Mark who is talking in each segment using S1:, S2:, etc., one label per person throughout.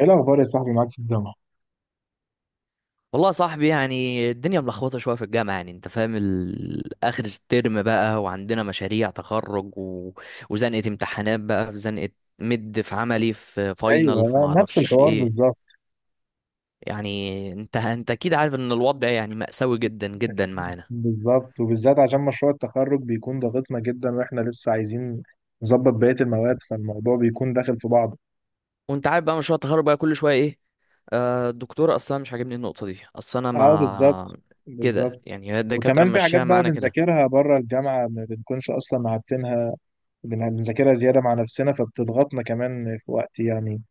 S1: ايه الاخبار يا صاحبي؟ معاك في الجامعه.
S2: والله يا صاحبي، يعني الدنيا ملخبطه شويه في الجامعه. يعني انت فاهم، اخر الترم بقى وعندنا مشاريع تخرج وزنقه امتحانات، بقى في زنقه مد، في عملي، في فاينل، في
S1: ايوه، نفس
S2: معرفش
S1: الحوار
S2: ايه.
S1: بالظبط.
S2: يعني انت اكيد عارف ان الوضع يعني مأساوي جدا جدا معانا.
S1: بالظبط، وبالذات عشان مشروع التخرج بيكون ضاغطنا جدا واحنا لسه عايزين نظبط بقيه المواد، فالموضوع بيكون داخل في بعضه.
S2: وانت عارف بقى مشروع التخرج بقى كل شويه ايه؟ آه، الدكتور اصلا مش عاجبني النقطه دي. اصل انا
S1: اه بالظبط.
S2: ما كده،
S1: بالظبط.
S2: يعني هي الدكاتره
S1: وكمان في حاجات
S2: ماشيها
S1: بقى
S2: معانا كده.
S1: بنذاكرها بره الجامعه، ما بنكونش اصلا عارفينها. بنذاكرها زياده مع نفسنا فبتضغطنا كمان في وقت يعني.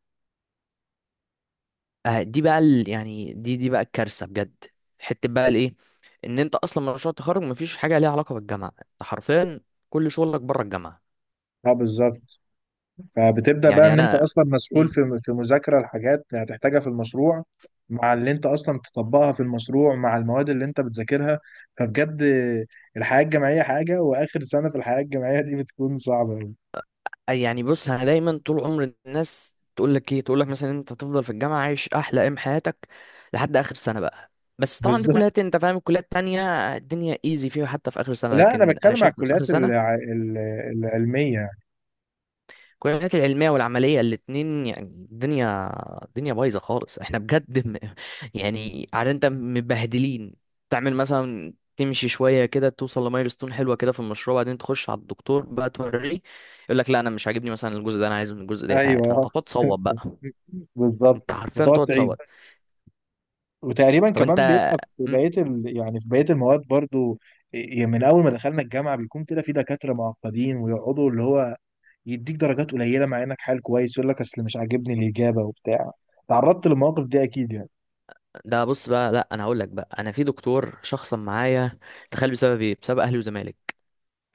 S2: دي بقى يعني دي بقى الكارثه بجد. حته بقى الايه، ان انت اصلا مشروع التخرج مفيش حاجه ليها علاقه بالجامعه. انت حرفيا كل شغلك بره الجامعه.
S1: اه بالظبط. فبتبدأ بقى
S2: يعني
S1: ان انت
S2: انا.
S1: اصلا مسؤول
S2: مم.
S1: في مذاكرة الحاجات اللي هتحتاجها في المشروع، مع اللي انت اصلا تطبقها في المشروع مع المواد اللي انت بتذاكرها، فبجد الحياة الجامعية حاجة، واخر سنة في الحياة الجامعية دي بتكون صعبة أوي.
S2: يعني بص، انا دايما طول عمر الناس تقول لك ايه، تقول لك مثلا انت تفضل في الجامعه عايش احلى ايام حياتك لحد اخر سنه بقى. بس طبعا في
S1: بالظبط.
S2: كليات، انت فاهم، الكليات التانية الدنيا ايزي فيها حتى في اخر سنه.
S1: لا، انا
S2: لكن انا
S1: بتكلم على
S2: شايف إن في اخر
S1: الكليات
S2: سنه
S1: العلمية.
S2: الكليات العلمية والعملية الاتنين يعني الدنيا، الدنيا بايظة خالص. احنا بجد يعني عارف انت مبهدلين. تعمل مثلا، تمشي شوية كده، توصل لمايلستون حلوة كده في المشروع، بعدين تخش على الدكتور بقى توريه، يقول لك لا انا مش عاجبني مثلا الجزء ده، انا عايز من الجزء ده يتعاد، فانت
S1: ايوه.
S2: تقعد تصوت بقى.
S1: بالظبط.
S2: انت حرفيا
S1: وتقعد
S2: تقعد
S1: تعيد.
S2: تصوت.
S1: وتقريبا
S2: طب انت.
S1: كمان بيبقى في
S2: مم،
S1: بقيه يعني في بقيه المواد برضو. يعني من اول ما دخلنا الجامعه بيكون كده، في دكاتره معقدين ويقعدوا اللي هو يديك درجات قليله مع انك حال كويس، يقول لك اصل مش عاجبني الاجابه وبتاع. تعرضت للمواقف دي اكيد يعني؟
S2: ده بص بقى، لا انا هقول لك بقى، انا في دكتور شخصا معايا. تخيل بسبب ايه؟ بسبب اهلي وزمالك.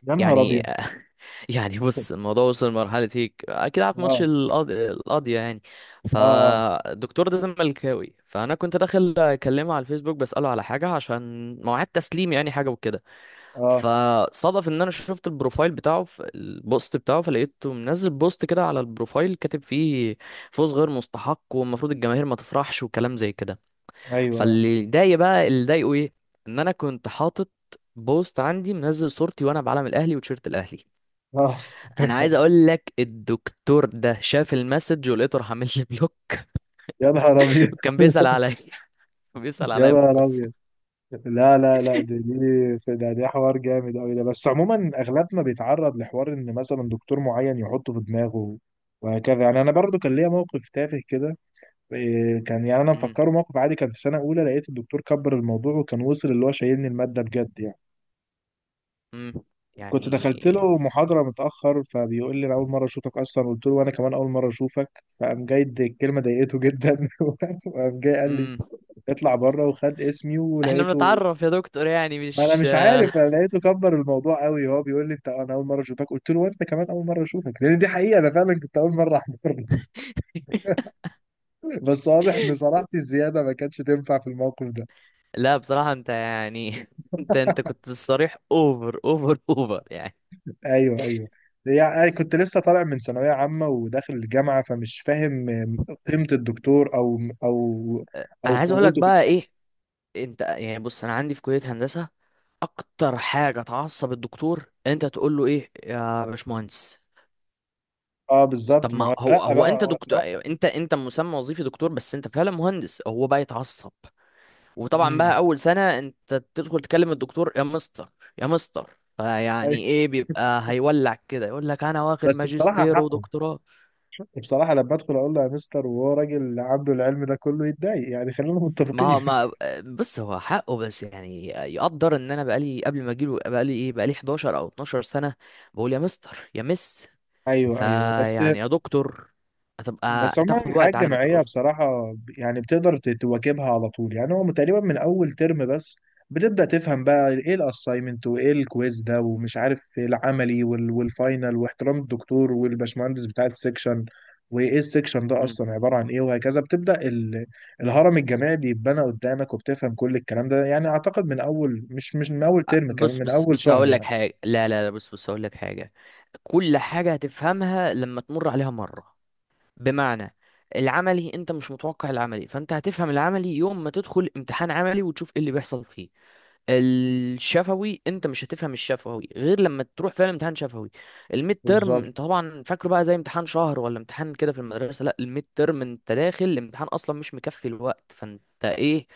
S1: يا نهار
S2: يعني
S1: ابيض.
S2: يعني بص، الموضوع وصل لمرحلة هيك أكيد عارف ماتش
S1: اه،
S2: القاضية يعني.
S1: اه، اه،
S2: فالدكتور ده زملكاوي، فأنا كنت داخل أكلمه على الفيسبوك بسأله على حاجة عشان مواعيد تسليم يعني، حاجة وكده.
S1: آه،
S2: فصادف إن أنا شفت البروفايل بتاعه في البوست بتاعه، فلقيته منزل بوست كده على البروفايل كاتب فيه فوز غير مستحق والمفروض الجماهير ما تفرحش وكلام زي كده.
S1: ايوه،
S2: فاللي ضايق بقى، اللي ضايقه إيه، إن أنا كنت حاطط بوست عندي، منزل صورتي وأنا بعلم الأهلي وتيشيرت الأهلي.
S1: اه.
S2: انا عايز اقول لك الدكتور ده شاف المسج ولقيته راح عامل لي بلوك.
S1: يا نهار ابيض.
S2: وكان بيسأل عليا. بيسأل
S1: يا
S2: عليا في
S1: نهار ابيض.
S2: القصة.
S1: لا، لا، لا، دي دي ده دي حوار جامد قوي ده، بس عموما اغلبنا بيتعرض لحوار ان مثلا دكتور معين يحطه في دماغه، وهكذا يعني. انا برضو كان ليا موقف تافه كده. إيه، كان يعني انا
S2: امم.
S1: مفكره موقف عادي. كان في سنه اولى، لقيت الدكتور كبر الموضوع وكان وصل اللي هو شايلني الماده بجد يعني.
S2: امم.
S1: كنت
S2: يعني.
S1: دخلت له محاضرة متأخر، فبيقول لي أنا أول مرة أشوفك أصلا. قلت له وأنا كمان أول مرة أشوفك. فقام جاي الكلمة ضايقته جدا. وقام جاي قال لي
S2: امم.
S1: اطلع بره وخد اسمي،
S2: احنا
S1: ولقيته.
S2: بنتعرف يا دكتور يعني،
S1: أنا
S2: مش
S1: مش عارف، أنا لقيته كبر الموضوع قوي. هو بيقول لي أنت أنا أول مرة أشوفك، قلت له وأنت كمان أول مرة أشوفك، لأن دي حقيقة أنا فعلا كنت أول مرة أحضر له. بس واضح إن صراحتي الزيادة ما كانتش تنفع في الموقف ده.
S2: لا بصراحة، انت يعني انت كنت صريح اوفر اوفر اوفر يعني.
S1: ايوه، ايوه. يعني كنت لسه طالع من ثانويه عامه وداخل الجامعه، فمش فاهم قيمه الدكتور او او
S2: انا عايز اقول لك
S1: قوته في
S2: بقى
S1: الجامعه.
S2: ايه، انت يعني بص، انا عندي في كلية هندسة اكتر حاجة تعصب الدكتور ان انت تقول له ايه يا باشمهندس.
S1: اه
S2: طب
S1: بالظبط، ما
S2: ما
S1: هو
S2: هو،
S1: اترقى
S2: هو
S1: بقى،
S2: انت
S1: هو
S2: دكتور،
S1: اترقى.
S2: انت مسمى وظيفي دكتور، بس انت فعلا مهندس. هو بقى يتعصب. وطبعا بقى
S1: امم.
S2: اول سنة انت تدخل تكلم الدكتور يا مستر، يا مستر، فيعني
S1: أيوة.
S2: ايه، بيبقى هيولع كده يقول لك انا واخد
S1: بس بصراحه
S2: ماجستير
S1: حقه.
S2: ودكتوراه.
S1: بصراحه لما ادخل اقول له يا مستر وهو راجل عنده العلم ده كله يتضايق يعني، خلينا
S2: ما
S1: متفقين.
S2: هو- ما بص، هو حقه، بس يعني يقدر ان انا بقالي قبل ما اجيله بقالي ايه، بقالي 11 او 12 سنة بقول يا مستر، يا مس،
S1: ايوه، ايوه، بس.
S2: فيعني يا دكتور هتبقى
S1: بس عموما
S2: تاخد
S1: الحياة
S2: وقت على ما
S1: الجامعية
S2: تقول.
S1: بصراحة يعني بتقدر تواكبها على طول. يعني هو تقريبا من أول ترم بس بتبدأ تفهم بقى إيه الأسايمنت وإيه الكويز ده، ومش عارف إيه العملي والفاينل، واحترام الدكتور والباشمهندس بتاع السكشن، وإيه السكشن ده أصلا عبارة عن إيه، وهكذا. بتبدأ الهرم الجامعي بيتبنى قدامك وبتفهم كل الكلام ده. يعني أعتقد من أول، مش من أول ترم، كمان
S2: بص
S1: من
S2: بص
S1: أول
S2: بص
S1: شهر
S2: هقول
S1: يعني.
S2: لك حاجة. لا بص هقول لك حاجة. كل حاجة هتفهمها لما تمر عليها مرة. بمعنى، العملي انت مش متوقع العملي، فانت هتفهم العملي يوم ما تدخل امتحان عملي وتشوف ايه اللي بيحصل فيه. الشفوي انت مش هتفهم الشفوي غير لما تروح فعلا امتحان شفوي. الميد ترم
S1: بالظبط.
S2: انت طبعا فاكره بقى زي امتحان شهر ولا امتحان كده في المدرسة؟ لا، الميد ترم انت داخل الامتحان اصلا مش مكفي الوقت، فانت ايه،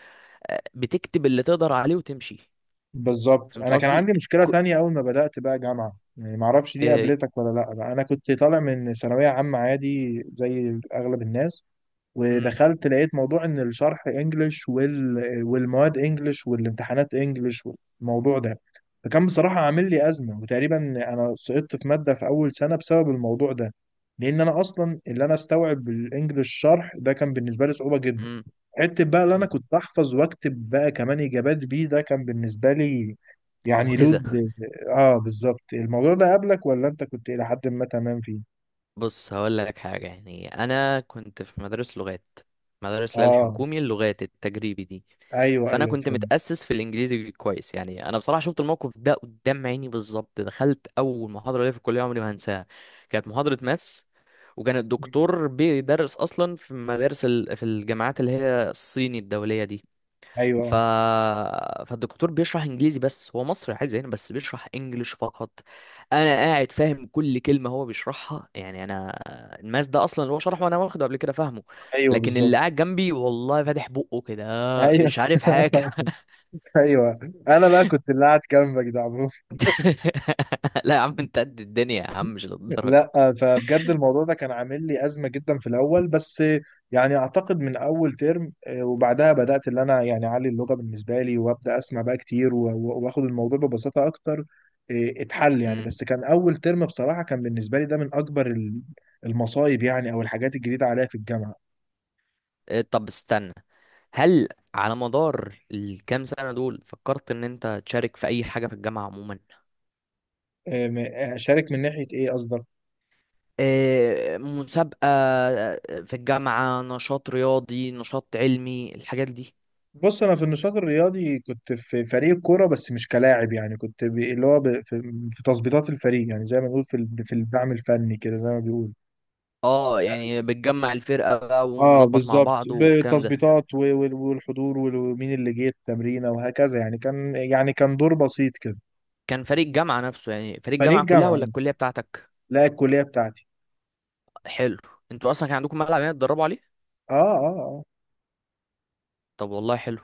S2: بتكتب اللي تقدر عليه وتمشي.
S1: بالظبط.
S2: فهمت
S1: انا كان
S2: قصدي؟
S1: عندي مشكله
S2: ك-
S1: تانية اول ما بدات بقى جامعه، يعني ما اعرفش دي
S2: آه،
S1: قابلتك ولا لا، بقى انا كنت طالع من ثانويه عامه عادي زي اغلب الناس،
S2: امم.
S1: ودخلت لقيت موضوع ان الشرح انجلش والمواد انجلش والامتحانات انجلش والموضوع ده، فكان بصراحه عامل لي ازمه. وتقريبا انا سقطت في ماده في اول سنه بسبب الموضوع ده، لان انا اصلا اللي انا استوعب الانجليش شرح ده كان بالنسبه لي صعوبه جدا.
S2: امم.
S1: حته بقى اللي انا
S2: امم.
S1: كنت احفظ واكتب بقى كمان اجابات بيه ده كان بالنسبه لي يعني
S2: معجزة.
S1: لود. اه بالظبط. الموضوع ده قبلك، ولا انت كنت الى حد ما تمام فيه؟
S2: بص هقول لك حاجة، يعني أنا كنت في مدارس لغات، مدارس اللي هي
S1: اه،
S2: الحكومي اللغات التجريبي دي.
S1: ايوه،
S2: فأنا
S1: ايوه
S2: كنت
S1: فهمت.
S2: متأسس في الإنجليزي كويس. يعني أنا بصراحة شفت الموقف ده قدام عيني بالظبط. دخلت أول محاضرة ليا في الكلية عمري ما هنساها. كانت محاضرة ماس، وكان الدكتور بيدرس أصلا في مدارس في الجامعات اللي هي الصيني الدولية دي. ف...
S1: ايوه،
S2: فالدكتور بيشرح انجليزي، بس هو مصري عادي زينا بس بيشرح انجليش فقط. انا قاعد فاهم كل كلمه هو بيشرحها، يعني انا الماس ده اصلا اللي هو شرحه وانا واخده قبل كده فاهمه.
S1: ايوه
S2: لكن
S1: بالظبط.
S2: اللي قاعد جنبي والله فاتح بقه كده،
S1: ايوه.
S2: مش عارف حاجه.
S1: ايوه، انا بقى كنت اللي قاعد جنبك ده.
S2: لا يا عم انت قد الدنيا يا عم، مش للدرجه.
S1: لا، فبجد الموضوع ده كان عامل لي أزمة جدا في الأول، بس يعني أعتقد من أول ترم. آه، وبعدها بدأت اللي أنا يعني أعلي اللغة بالنسبة لي، وأبدأ أسمع بقى كتير وآخد الموضوع ببساطة أكتر. آه، اتحل يعني.
S2: امم.
S1: بس كان أول ترم بصراحة كان بالنسبة لي ده من أكبر المصايب يعني، أو الحاجات الجديدة عليا في الجامعة.
S2: إيه، طب استنى، هل على مدار الكام سنه دول فكرت ان انت تشارك في اي حاجه في الجامعه عموما؟
S1: آه، أشارك من ناحية إيه قصدك؟
S2: آه، مسابقة، آه، في الجامعة، نشاط رياضي، نشاط علمي، الحاجات دي.
S1: بص، انا في النشاط الرياضي كنت في فريق كوره، بس مش كلاعب يعني. كنت اللي هو في تظبيطات الفريق، يعني زي ما بنقول في في الدعم الفني كده، زي ما بيقول.
S2: اه يعني بتجمع الفرقة بقى
S1: اه
S2: ونظبط مع
S1: بالظبط،
S2: بعض والكلام ده.
S1: بالتظبيطات والحضور ومين اللي جه التمرينه وهكذا يعني. كان يعني كان دور بسيط كده.
S2: كان فريق الجامعة نفسه يعني فريق
S1: فريق
S2: الجامعة كلها
S1: جامعه؟
S2: ولا الكلية بتاعتك؟
S1: لا الكليه بتاعتي.
S2: حلو. انتوا اصلا كان عندكم ملعب يعني تدربوا عليه؟
S1: اه، اه، اه،
S2: طب والله حلو.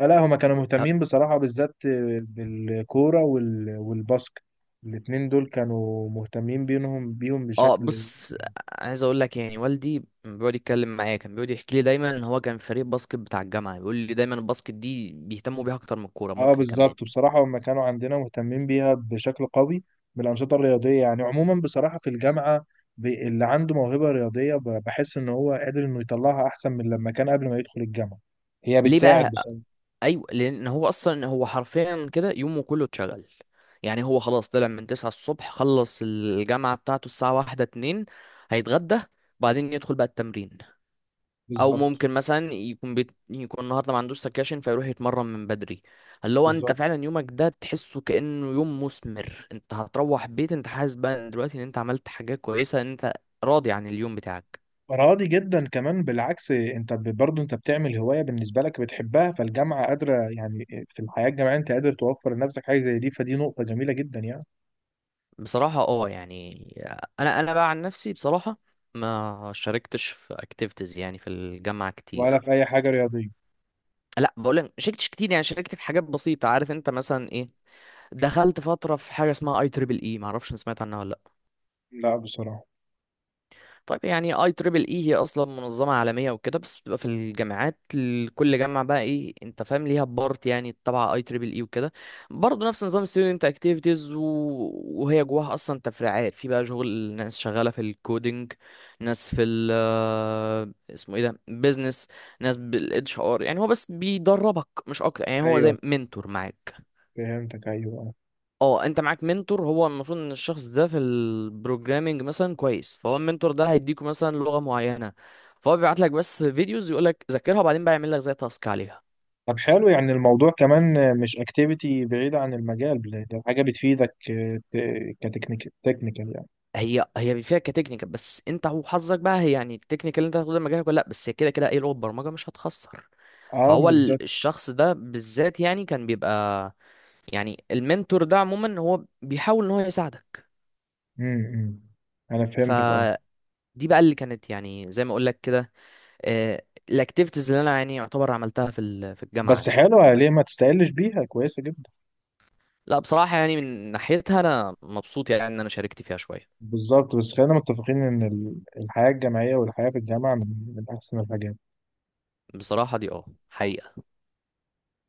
S1: آه. لا، هما كانوا مهتمين بصراحه بالذات بالكوره والباسكت. الاتنين دول كانوا مهتمين بيهم
S2: اه
S1: بشكل.
S2: بص، عايز اقول لك، يعني والدي بيقعد يتكلم معايا كان بيقعد يحكي لي دايما ان هو كان فريق باسكت بتاع الجامعه، بيقول لي دايما الباسكت دي بيهتموا بيها اكتر من الكوره
S1: اه
S2: ممكن كمان.
S1: بالظبط. بصراحة هم كانوا عندنا مهتمين بيها بشكل قوي بالأنشطة الرياضية يعني عموما بصراحة، في الجامعة اللي عنده موهبة رياضية بحس إن هو قادر إنه يطلعها أحسن من لما كان قبل ما يدخل الجامعة. هي
S2: ليه
S1: بتساعد
S2: بقى؟
S1: بصراحة.
S2: ايوه، لان هو اصلا هو حرفيا كده يومه كله اتشغل. يعني هو خلاص طلع من 9 الصبح، خلص الجامعه بتاعته الساعه واحدة اتنين، هيتغدى، بعدين يدخل بقى التمرين. او
S1: بالظبط.
S2: ممكن مثلا يكون يكون النهارده ما عندوش سكاشن فيروح يتمرن من بدري. اللي هو انت
S1: بالظبط.
S2: فعلا يومك ده تحسه كانه يوم مثمر. انت هتروح بيت انت حاسس بقى دلوقتي ان انت عملت حاجات كويسه، ان انت راضي عن اليوم بتاعك.
S1: راضي جدا كمان، بالعكس. انت برضه انت بتعمل هواية بالنسبة لك بتحبها، فالجامعة قادرة يعني. في الحياة الجامعية انت قادر توفر لنفسك حاجة زي دي، فدي نقطة جميلة جدا يعني.
S2: بصراحة اه يعني، انا بقى عن نفسي بصراحة ما شاركتش في اكتيفيتيز يعني في الجامعة
S1: ولا
S2: كتير.
S1: في أي حاجة رياضية؟
S2: لا بقول لك ما شاركتش كتير، يعني شاركت في حاجات بسيطة. عارف انت مثلا ايه، دخلت فترة في حاجة اسمها اي تريبل اي، ما اعرفش سمعت عنها ولا؟
S1: لا بصراحة.
S2: طيب يعني اي تريبل اي هي اصلا منظمه عالميه وكده، بس بتبقى في الجامعات، كل جامعه بقى ايه، انت فاهم، ليها بارت يعني تبع اي تريبل اي وكده. برضه نفس نظام ستودنت اكتيفيتيز. وهي جواها اصلا تفريعات، في بقى شغل ناس شغاله في الكودينج، ناس في ال آه، اسمه ايه ده، بيزنس، ناس بالاتش ار. يعني هو بس بيدربك مش اكتر، يعني هو
S1: ايوه
S2: زي منتور معاك.
S1: فهمتك، ايوه.
S2: اه، انت معاك منتور، هو المفروض ان الشخص ده في البروجرامينج مثلا كويس، فهو المنتور ده هيديكوا مثلا لغة معينة، فهو بيبعت لك بس فيديوز يقول لك ذاكرها، وبعدين بقى يعمل لك زي تاسك عليها.
S1: طب حلو، يعني الموضوع كمان مش اكتيفيتي بعيدة عن المجال، ده حاجة بتفيدك كتكنيك، تكنيكال يعني.
S2: هي هي فيها كتكنيكال، بس انت وحظك بقى، هي يعني التكنيكال اللي انت هتاخده ده مجالك ولا لا، بس هي كده كده اي لغة برمجة مش هتخسر.
S1: اه
S2: فهو
S1: بالظبط.
S2: الشخص ده بالذات يعني كان بيبقى، يعني المنتور ده عموما هو بيحاول ان هو يساعدك.
S1: امم. إمم. انا فهمتك، اه.
S2: فدي بقى اللي كانت يعني زي ما اقول لك كده، الاكتيفيتيز اللي انا يعني يعتبر عملتها في الجامعه
S1: بس
S2: عندي.
S1: حلوة، ليه ما تستقلش بيها، كويسة جدا.
S2: لا بصراحه يعني من ناحيتها انا مبسوط يعني ان انا شاركت فيها شويه.
S1: بالظبط، بس خلينا متفقين ان الحياة الجامعية، والحياة في الجامعة من احسن الحاجات.
S2: بصراحه دي اه حقيقي.